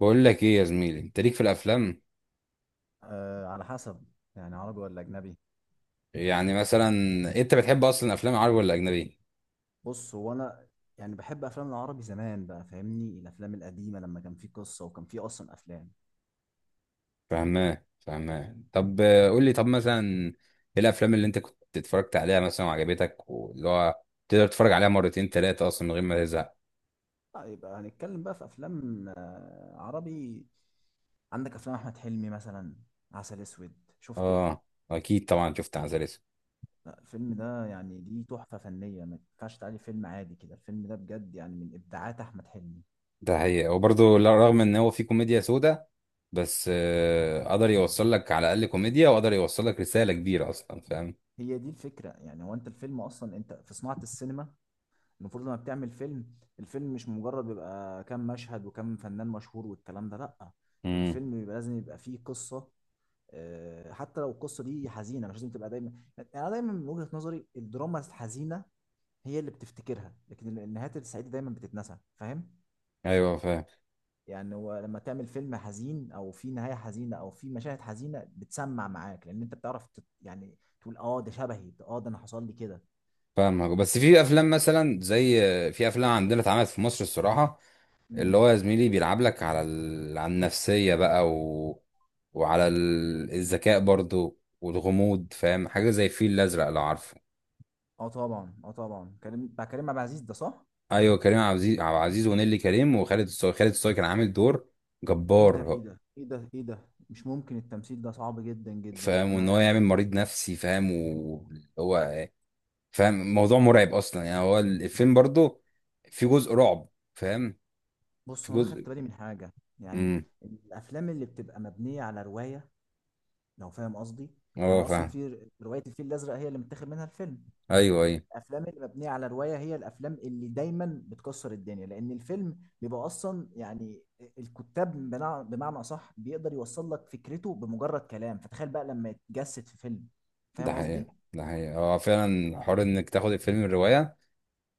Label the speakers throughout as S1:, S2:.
S1: بقول لك ايه يا زميلي، انت ليك في الافلام؟
S2: آه، على حسب. يعني عربي ولا اجنبي؟
S1: يعني مثلا انت بتحب اصلا افلام عربي ولا اجنبي؟
S2: بص، هو انا يعني بحب افلام العربي زمان بقى، فاهمني؟ الافلام القديمه لما كان في قصه وكان في اصلا افلام.
S1: فاهماه. طب قول لي طب مثلا ايه الافلام اللي انت كنت اتفرجت عليها مثلا وعجبتك، واللي هو تقدر تتفرج عليها مرتين ثلاثه اصلا من غير ما تزهق؟
S2: لا، يبقى هنتكلم بقى في افلام عربي. عندك افلام احمد حلمي مثلا، عسل اسود، شفته؟
S1: اه، اكيد طبعا شفت عسل.
S2: لا، الفيلم ده يعني دي تحفه فنيه، ما ينفعش تعالي فيلم عادي كده. الفيلم ده بجد يعني من ابداعات احمد حلمي.
S1: ده حقيقة، وبرضه رغم ان هو فيه كوميديا سودا بس قدر يوصل لك على الاقل كوميديا، وقدر يوصل لك رساله كبيره اصلا، فاهم؟
S2: هي دي الفكره، يعني هو انت الفيلم اصلا، انت في صناعه السينما المفروض لما بتعمل فيلم، الفيلم مش مجرد بيبقى كام مشهد وكام فنان مشهور والكلام ده، لأ.
S1: امم.
S2: الفيلم بيبقى لازم يبقى فيه قصة. حتى لو القصة دي حزينة مش لازم تبقى دايما. يعني أنا دايما من وجهة نظري، الدراما الحزينة هي اللي بتفتكرها، لكن النهايات السعيدة دايما بتتنسى، فاهم؟
S1: ايوه فاهم.
S2: يعني هو لما تعمل فيلم حزين أو فيه نهاية حزينة أو فيه مشاهد حزينة بتسمع معاك، لأن أنت بتعرف يعني تقول أه ده شبهي، ده أه ده أنا حصل لي كده.
S1: فاهمك، بس في افلام مثلا زي، في افلام عندنا اتعملت في مصر الصراحه، اللي
S2: امم.
S1: هو يا زميلي بيلعب لك على النفسيه بقى وعلى الذكاء برضو والغموض، فاهم؟ حاجه زي الفيل الازرق، لو عارفه.
S2: أه طبعا، أه طبعا. كريم بتاع كريم عبد العزيز ده، صح؟
S1: ايوه كريم عبد العزيز، عبد العزيز ونيلي كريم وخالد الصاوي، خالد الصاوي كان عامل دور
S2: ايه ده،
S1: جبار.
S2: ايه ده، ايه ده، ايه ده، مش ممكن! التمثيل ده صعب جدا جدا،
S1: فاهم، وان
S2: انا
S1: هو يعمل
S2: يعني.
S1: مريض نفسي، فاهم، وهو فاهم، موضوع مرعب اصلا، يعني هو الفيلم برضو في جزء رعب، فاهم،
S2: بص
S1: في
S2: هو انا خدت
S1: جزء.
S2: بالي من حاجه. يعني
S1: امم.
S2: الافلام اللي بتبقى مبنيه على روايه، لو فاهم قصدي. يعني
S1: اه
S2: هو اصلا
S1: فاهم.
S2: في روايه الفيل الازرق هي اللي متاخد منها الفيلم.
S1: ايوه ايوه.
S2: الافلام اللي مبنيه على روايه هي الافلام اللي دايما بتكسر الدنيا، لان الفيلم بيبقى اصلا يعني الكتاب بمعنى اصح بيقدر يوصل لك فكرته بمجرد كلام، فتخيل بقى لما يتجسد في فيلم،
S1: ده
S2: فاهم قصدي؟
S1: حقيقة ده حقيقة، هو فعلا حوار انك تاخد الفيلم الرواية،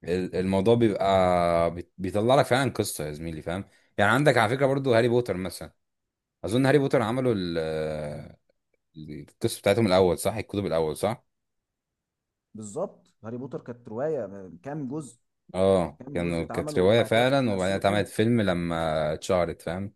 S1: الموضوع بيبقى، بيطلع لك فعلا قصة يا زميلي، فاهم؟ يعني عندك على فكرة برضو هاري بوتر مثلا، اظن هاري بوتر عملوا القصة بتاعتهم الاول، صح؟ الكتب الاول، صح؟
S2: بالظبط. هاري بوتر كانت روايه، كام جزء؟
S1: اه
S2: كام
S1: كانوا،
S2: جزء اتعمل
S1: كانت رواية
S2: وبعد كده
S1: فعلا، وبعدين
S2: مثلوا فيلم.
S1: اتعملت فيلم لما اتشهرت، فاهم؟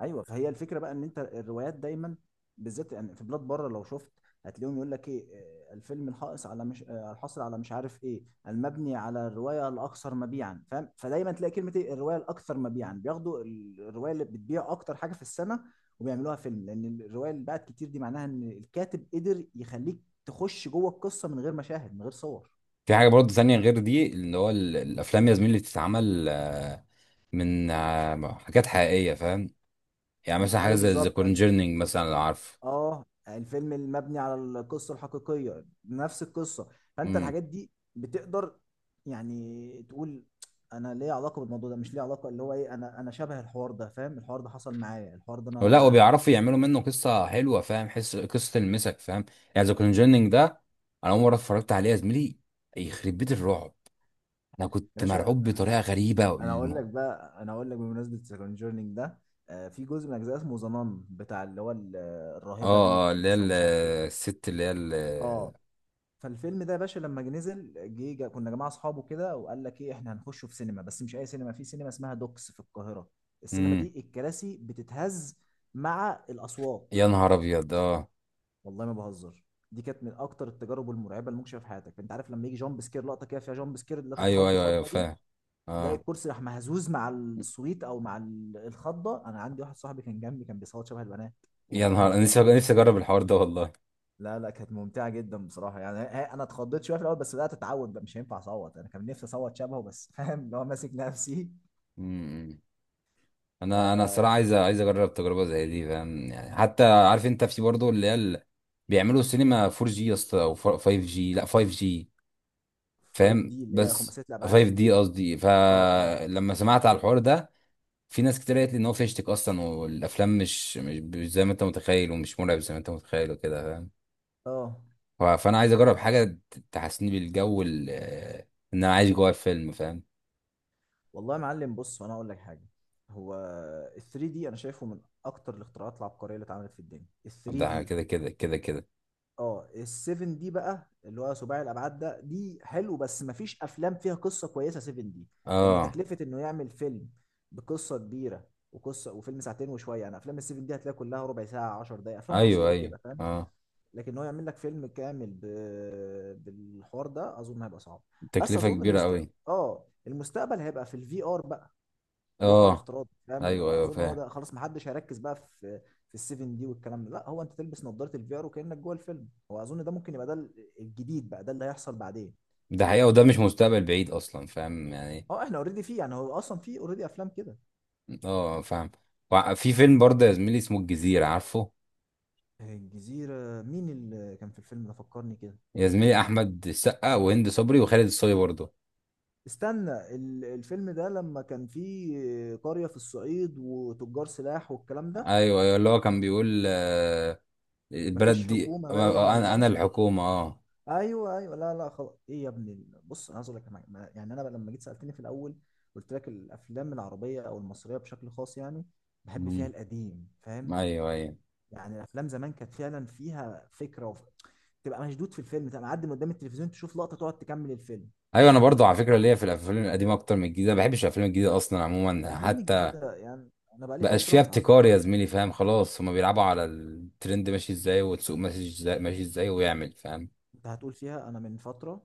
S2: ايوه، فهي الفكره بقى، ان انت الروايات دايما، بالذات يعني في بلاد بره لو شفت، هتلاقيهم يقول لك ايه، الفيلم الحائص على مش الحاصل على مش عارف ايه، المبني على الروايه الاكثر مبيعا، فاهم؟ فدايما تلاقي كلمه ايه، الروايه الاكثر مبيعا، بياخدوا الروايه اللي بتبيع اكتر حاجه في السنه وبيعملوها فيلم، لان الروايه اللي باعت كتير دي معناها ان الكاتب قدر يخليك تخش جوه القصه من غير مشاهد، من غير صور.
S1: في حاجة برضو تانية غير دي، اللي هو الافلام يا زميلي اللي بتتعمل من حاجات حقيقية، فاهم؟ يعني مثلا حاجة
S2: ايوه
S1: زي ذا
S2: بالظبط.
S1: كونجرنينج مثلا، لو عارفه.
S2: اه، الفيلم المبني على القصه الحقيقيه نفس القصه، فانت
S1: امم.
S2: الحاجات دي بتقدر يعني تقول انا ليه علاقه بالموضوع ده، مش ليه علاقه، اللي هو ايه، انا شبه الحوار ده، فاهم؟ الحوار ده حصل معايا، الحوار ده
S1: لا،
S2: انا.
S1: وبيعرفوا يعملوا منه قصه حلوه، فاهم؟ حس، قصه تلمسك، فاهم؟ يعني ذا كونجيننج ده، انا اول مره اتفرجت عليه يا زميلي، يخرب بيت الرعب، انا
S2: يا
S1: كنت
S2: باشا،
S1: مرعوب بطريقه غريبه،
S2: انا اقول لك بقى، انا اقول لك بمناسبه الكونجورنينج ده، في جزء من اجزاء اسمه ذا نان، بتاع اللي هو الراهبه دي
S1: اه اه اللي هي
S2: والكنيسه ومش عارف ايه.
S1: الست اللي هي
S2: اه، فالفيلم ده يا باشا لما جه نزل جه جه- كنا جماعه اصحابه كده، وقال لك ايه، احنا هنخشه في سينما، بس مش اي سينما، في سينما اسمها دوكس في القاهره. السينما
S1: امم.
S2: دي الكراسي بتتهز مع الاصوات.
S1: يا نهار ابيض، اه.
S2: والله ما بهزر، دي كانت من اكتر التجارب المرعبه اللي ممكن تشوفها في حياتك. انت عارف لما يجي جامب سكير، لقطه كده فيها جامب سكير اللي
S1: ايوه
S2: تتخض
S1: ايوه ايوه
S2: خضه دي،
S1: فاهم.
S2: تلاقي
S1: اه.
S2: الكرسي راح مهزوز مع الصويت او مع الخضه. انا عندي واحد صاحبي كان جنبي كان بيصوت شبه البنات،
S1: يا
S2: والله
S1: نهار،
S2: مش
S1: انا
S2: بقى.
S1: نفسي اجرب الحوار ده والله.
S2: لا لا، كانت ممتعة جدا بصراحة. يعني انا اتخضيت شوية في الاول، بس بدأت اتعود بقى، مش هينفع اصوت. انا كان نفسي اصوت شبهه بس فاهم؟ اللي هو ماسك نفسي.
S1: امم.
S2: ف
S1: انا الصراحه عايز اجرب تجربه زي دي، فاهم؟ يعني حتى عارف انت في برضه اللي هي بيعملوا سينما 4G جي يا اسطى، او 5G جي، لا 5G جي
S2: 5
S1: فاهم،
S2: دي اللي هي
S1: بس
S2: خماسية الابعاد.
S1: 5D دي قصدي.
S2: اه، اه،
S1: فلما سمعت على الحوار ده، في ناس كتير قالت لي ان هو فيشتك اصلا، والافلام مش زي ما انت متخيل، ومش مرعب زي ما انت متخيل وكده، فاهم؟
S2: اه.
S1: فانا عايز اجرب حاجه تحسسني بالجو ان انا عايش جوه الفيلم، فاهم؟
S2: والله يا معلم، بص وانا اقول لك حاجة. هو ال 3 دي انا شايفه من اكتر الاختراعات العبقرية اللي اتعملت في الدنيا، ال 3
S1: ده،
S2: دي.
S1: كده.
S2: اه، السيفن دي بقى اللي هو سباعي الابعاد ده، دي حلو بس مفيش افلام فيها قصه كويسه سيفن دي، لان
S1: اه
S2: تكلفه انه يعمل فيلم بقصه كبيره وقصه وفيلم ساعتين وشويه يعني. افلام السيفن دي هتلاقي كلها ربع ساعه، 10 دقائق، افلام
S1: ايوه
S2: قصيره
S1: ايوه
S2: كده، فاهم؟
S1: اه.
S2: لكن هو يعمل لك فيلم كامل بالحوار ده، اظن هيبقى صعب. بس
S1: تكلفه
S2: اظن
S1: كبيره قوي.
S2: اه المستقبل هيبقى في الفي ار بقى، الواقع
S1: اه
S2: الافتراضي، فاهم؟
S1: ايوه ايوه
S2: اظن هو
S1: فاهم.
S2: ده خلاص، ما حدش هيركز بقى في السيفن دي والكلام ده، لا. هو انت تلبس نظاره الفي ار وكانك جوه الفيلم. هو اظن ده ممكن يبقى ده الجديد بقى، ده اللي هيحصل بعدين.
S1: ده حقيقة، وده مش مستقبل بعيد اصلا، فاهم يعني.
S2: اه، احنا اوريدي فيه، يعني هو اصلا فيه اوريدي افلام كده.
S1: اه فاهم. في فيلم برضه يا زميلي اسمه الجزيرة، عارفه؟
S2: الجزيره؟ مين اللي كان في الفيلم ده، فكرني كده.
S1: يا زميلي احمد السقا وهند صبري وخالد الصاوي برضه.
S2: استنى، الفيلم ده لما كان فيه قريه في الصعيد وتجار سلاح والكلام ده،
S1: ايوه ايوه، اللي هو كان بيقول البلد
S2: مفيش
S1: دي
S2: حكومه باين
S1: انا، انا
S2: ولا.
S1: الحكومة اه.
S2: ايوه ايوه، لا لا، خلاص. ايه يا ابني بص، انا عايز اقول لك على حاجة. يعني انا بقى لما جيت سالتني في الاول قلت لك الافلام العربيه او المصريه بشكل خاص يعني بحب فيها
S1: مم.
S2: القديم، فاهم؟
S1: ايوه ايوه.
S2: يعني الافلام زمان كانت فعلا فيها فكره تبقى مشدود في الفيلم، تبقى معدي من قدام التلفزيون تشوف لقطه تقعد تكمل الفيلم.
S1: ايوه انا برضه على فكرة ليا في الافلام القديمة اكتر من الجديدة، ما بحبش الافلام الجديدة اصلا عموما
S2: الافلام
S1: حتى.
S2: الجديده، يعني انا بقى لي
S1: بقاش فيها
S2: فتره
S1: ابتكار يا زميلي، فاهم؟ خلاص، هما بيلعبوا على الترند ماشي ازاي، والسوق ماشي ازاي ماشي ازاي، ويعمل، فاهم؟
S2: انت هتقول فيها. انا من فتره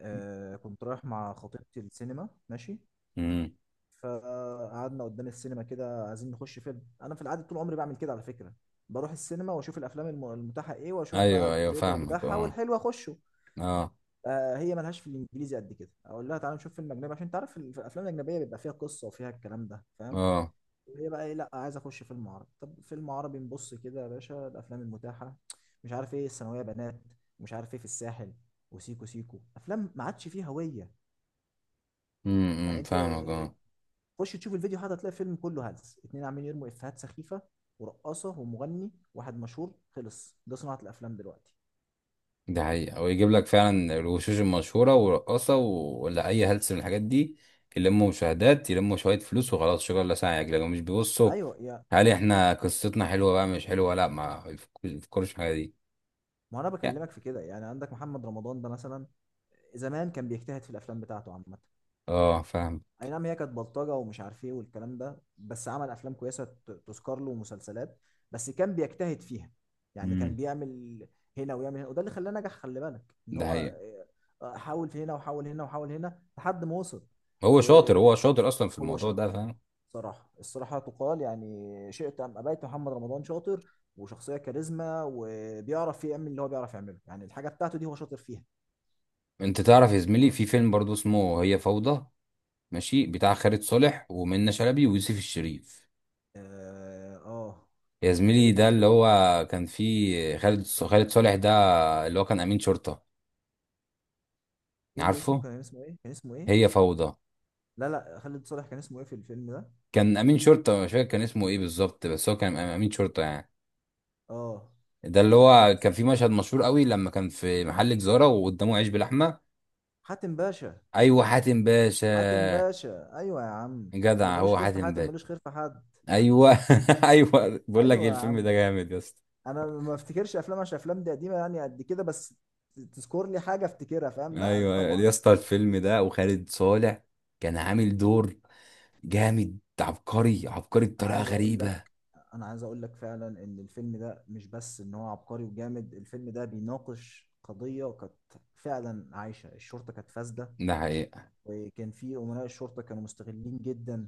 S2: كنت رايح مع خطيبتي السينما، ماشي،
S1: امم.
S2: فقعدنا قدام السينما كده عايزين نخش فيلم. انا في العادة طول عمري بعمل كده على فكرة، بروح السينما واشوف الافلام المتاحة ايه واشوف بقى
S1: ايوه ايوه
S2: التريلر
S1: فاهمك
S2: بتاعها
S1: اه.
S2: والحلو اخشه.
S1: اه
S2: هي ملهاش في الانجليزي قد كده، اقول لها تعالى نشوف فيلم اجنبي عشان تعرف في الافلام الاجنبيه بيبقى فيها قصه وفيها الكلام ده، فاهم؟
S1: اه.
S2: هي بقى ايه، لا، عايز اخش فيلم عربي. طب فيلم عربي، نبص كده يا باشا الافلام المتاحه، مش عارف ايه الثانويه بنات، ومش عارف ايه في الساحل، وسيكو سيكو. افلام ما عادش فيها هويه، يعني انت
S1: فاهمك اه.
S2: خش تشوف الفيديو هذا، هتلاقي فيلم كله هلس، اتنين عاملين يرموا افيهات سخيفه، ورقاصه، ومغني واحد مشهور. خلص، ده صناعه الافلام دلوقتي.
S1: ده حقيقة، ويجيب لك فعلا الوشوش المشهورة ورقاصة ولا أي هلس من الحاجات دي، يلموا مشاهدات، يلموا شوية فلوس وخلاص، شكرا الله ساعة يجلجوا مش بيبصوا.
S2: ايوه يا.
S1: هل احنا قصتنا حلوة بقى مش حلوة؟ لا، ما يفكرش في الحاجة دي.
S2: ما انا
S1: يا.
S2: بكلمك في كده، يعني عندك محمد رمضان ده مثلا، زمان كان بيجتهد في الافلام بتاعته عامه.
S1: اه فاهم.
S2: اي نعم، هي كانت بلطجه ومش عارف ايه والكلام ده، بس عمل افلام كويسه تذكر له، ومسلسلات، بس كان بيجتهد فيها. يعني كان
S1: امم.
S2: بيعمل هنا ويعمل هنا، وده اللي خلاه نجح. خلي بالك ان
S1: ده
S2: هو
S1: حقيقة.
S2: حاول في هنا وحاول هنا وحاول هنا لحد ما وصل.
S1: هو شاطر أصلا في
S2: وهو
S1: الموضوع ده،
S2: شاطر
S1: فاهم؟
S2: صراحة، الصراحة تقال. يعني شئت أم أبيت، محمد رمضان شاطر وشخصية كاريزما، وبيعرف يعمل اللي هو بيعرف يعمله يعني، الحاجة بتاعته دي هو شاطر فيها.
S1: انت تعرف يا زميلي في فيلم برضو اسمه هي فوضى، ماشي؟ بتاع خالد صالح ومنة شلبي ويوسف الشريف.
S2: آه، آه.
S1: يا
S2: ده إيه
S1: زميلي
S2: بقى
S1: ده اللي
S2: الفكرة؟
S1: هو كان فيه خالد صالح ده، اللي هو كان امين شرطة،
S2: قول لي اسمه،
S1: عارفه؟
S2: كان اسمه إيه؟ كان اسمه إيه؟
S1: هي فوضى.
S2: لا لا، خالد صالح كان اسمه إيه في الفيلم ده؟
S1: كان امين شرطة، مش فاكر كان اسمه ايه بالظبط، بس هو كان امين شرطة يعني.
S2: آه،
S1: ده اللي
S2: كان
S1: هو كان في
S2: اسمه
S1: مشهد مشهور قوي، لما كان في محل جزارة وقدامه عيش بلحمة.
S2: حاتم باشا.
S1: ايوه حاتم باشا.
S2: حاتم باشا، أيوة يا عم. اللي
S1: جدع
S2: ملوش
S1: هو
S2: خير في
S1: حاتم
S2: حاتم
S1: باشا.
S2: ملوش خير في حد.
S1: ايوه ايوه بقول لك ايه،
S2: أيوة يا
S1: الفيلم ده
S2: عم،
S1: جامد يا اسطى.
S2: أنا ما افتكرش أفلام، عشان أفلام دي قديمة يعني قد كده، بس تذكر لي حاجة افتكرها، فاهم؟ لا
S1: ايوه يا
S2: طبعا.
S1: اسطى، الفيلم ده وخالد صالح كان عامل دور جامد، عبقري، عبقري
S2: انا
S1: بطريقه
S2: عايز اقول لك،
S1: غريبه.
S2: فعلا ان الفيلم ده مش بس ان هو عبقري وجامد، الفيلم ده بيناقش قضية كانت فعلا عايشة. الشرطة كانت فاسدة،
S1: ده حقيقة.
S2: وكان في أمراء الشرطة كانوا مستغلين جدا،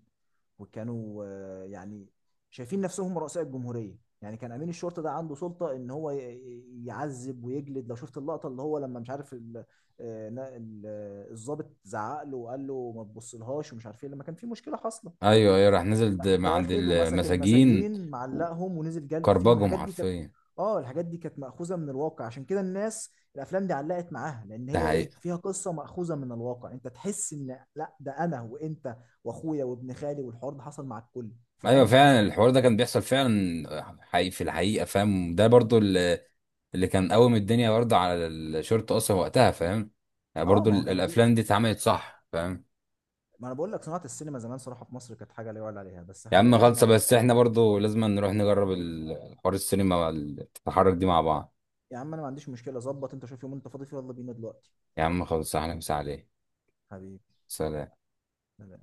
S2: وكانوا يعني شايفين نفسهم رؤساء الجمهورية. يعني كان أمين الشرطة ده عنده سلطة إن هو يعذب ويجلد. لو شفت اللقطة اللي هو لما مش عارف الضابط زعق له وقال له ما تبصلهاش ومش عارف ايه، لما كان في مشكلة حاصلة،
S1: ايوه ايوه، راح نزل
S2: راح
S1: مع عند
S2: داخل ومسك
S1: المساجين،
S2: المساجين معلقهم ونزل جلد فيهم.
S1: كربجهم حرفيا.
S2: الحاجات دي كانت مأخوذة من الواقع، عشان كده الناس الافلام دي علقت معاها، لان
S1: ده
S2: هي ايه،
S1: حقيقة.
S2: فيها قصة مأخوذة من الواقع، انت تحس ان لا، ده انا وانت واخويا وابن خالي، والحوار ده حصل مع الكل،
S1: ايوه
S2: فاهم؟
S1: فعلا الحوار ده كان بيحصل فعلا حقيقي في الحقيقة، فاهم؟ ده برضو اللي كان قوم الدنيا برضو على الشرطة اصلا وقتها، فاهم؟ يعني
S2: اه،
S1: برضو
S2: ما هو كانت دي.
S1: الافلام دي اتعملت صح، فاهم؟
S2: ما انا بقول لك صناعة السينما زمان صراحة في مصر كانت حاجة لا يعلى عليها، بس
S1: يا عم
S2: حاليا
S1: خالصة،
S2: ما...
S1: بس احنا برضو لازم نروح نجرب الحوار، السينما والتحرك دي مع بعض.
S2: يا عم انا ما عنديش مشكلة، ظبط انت شوف يوم انت فاضي فيه، يلا بينا دلوقتي.
S1: يا عم خالصة، احنا مسا عليه.
S2: حبيبي.
S1: سلام.
S2: سلام.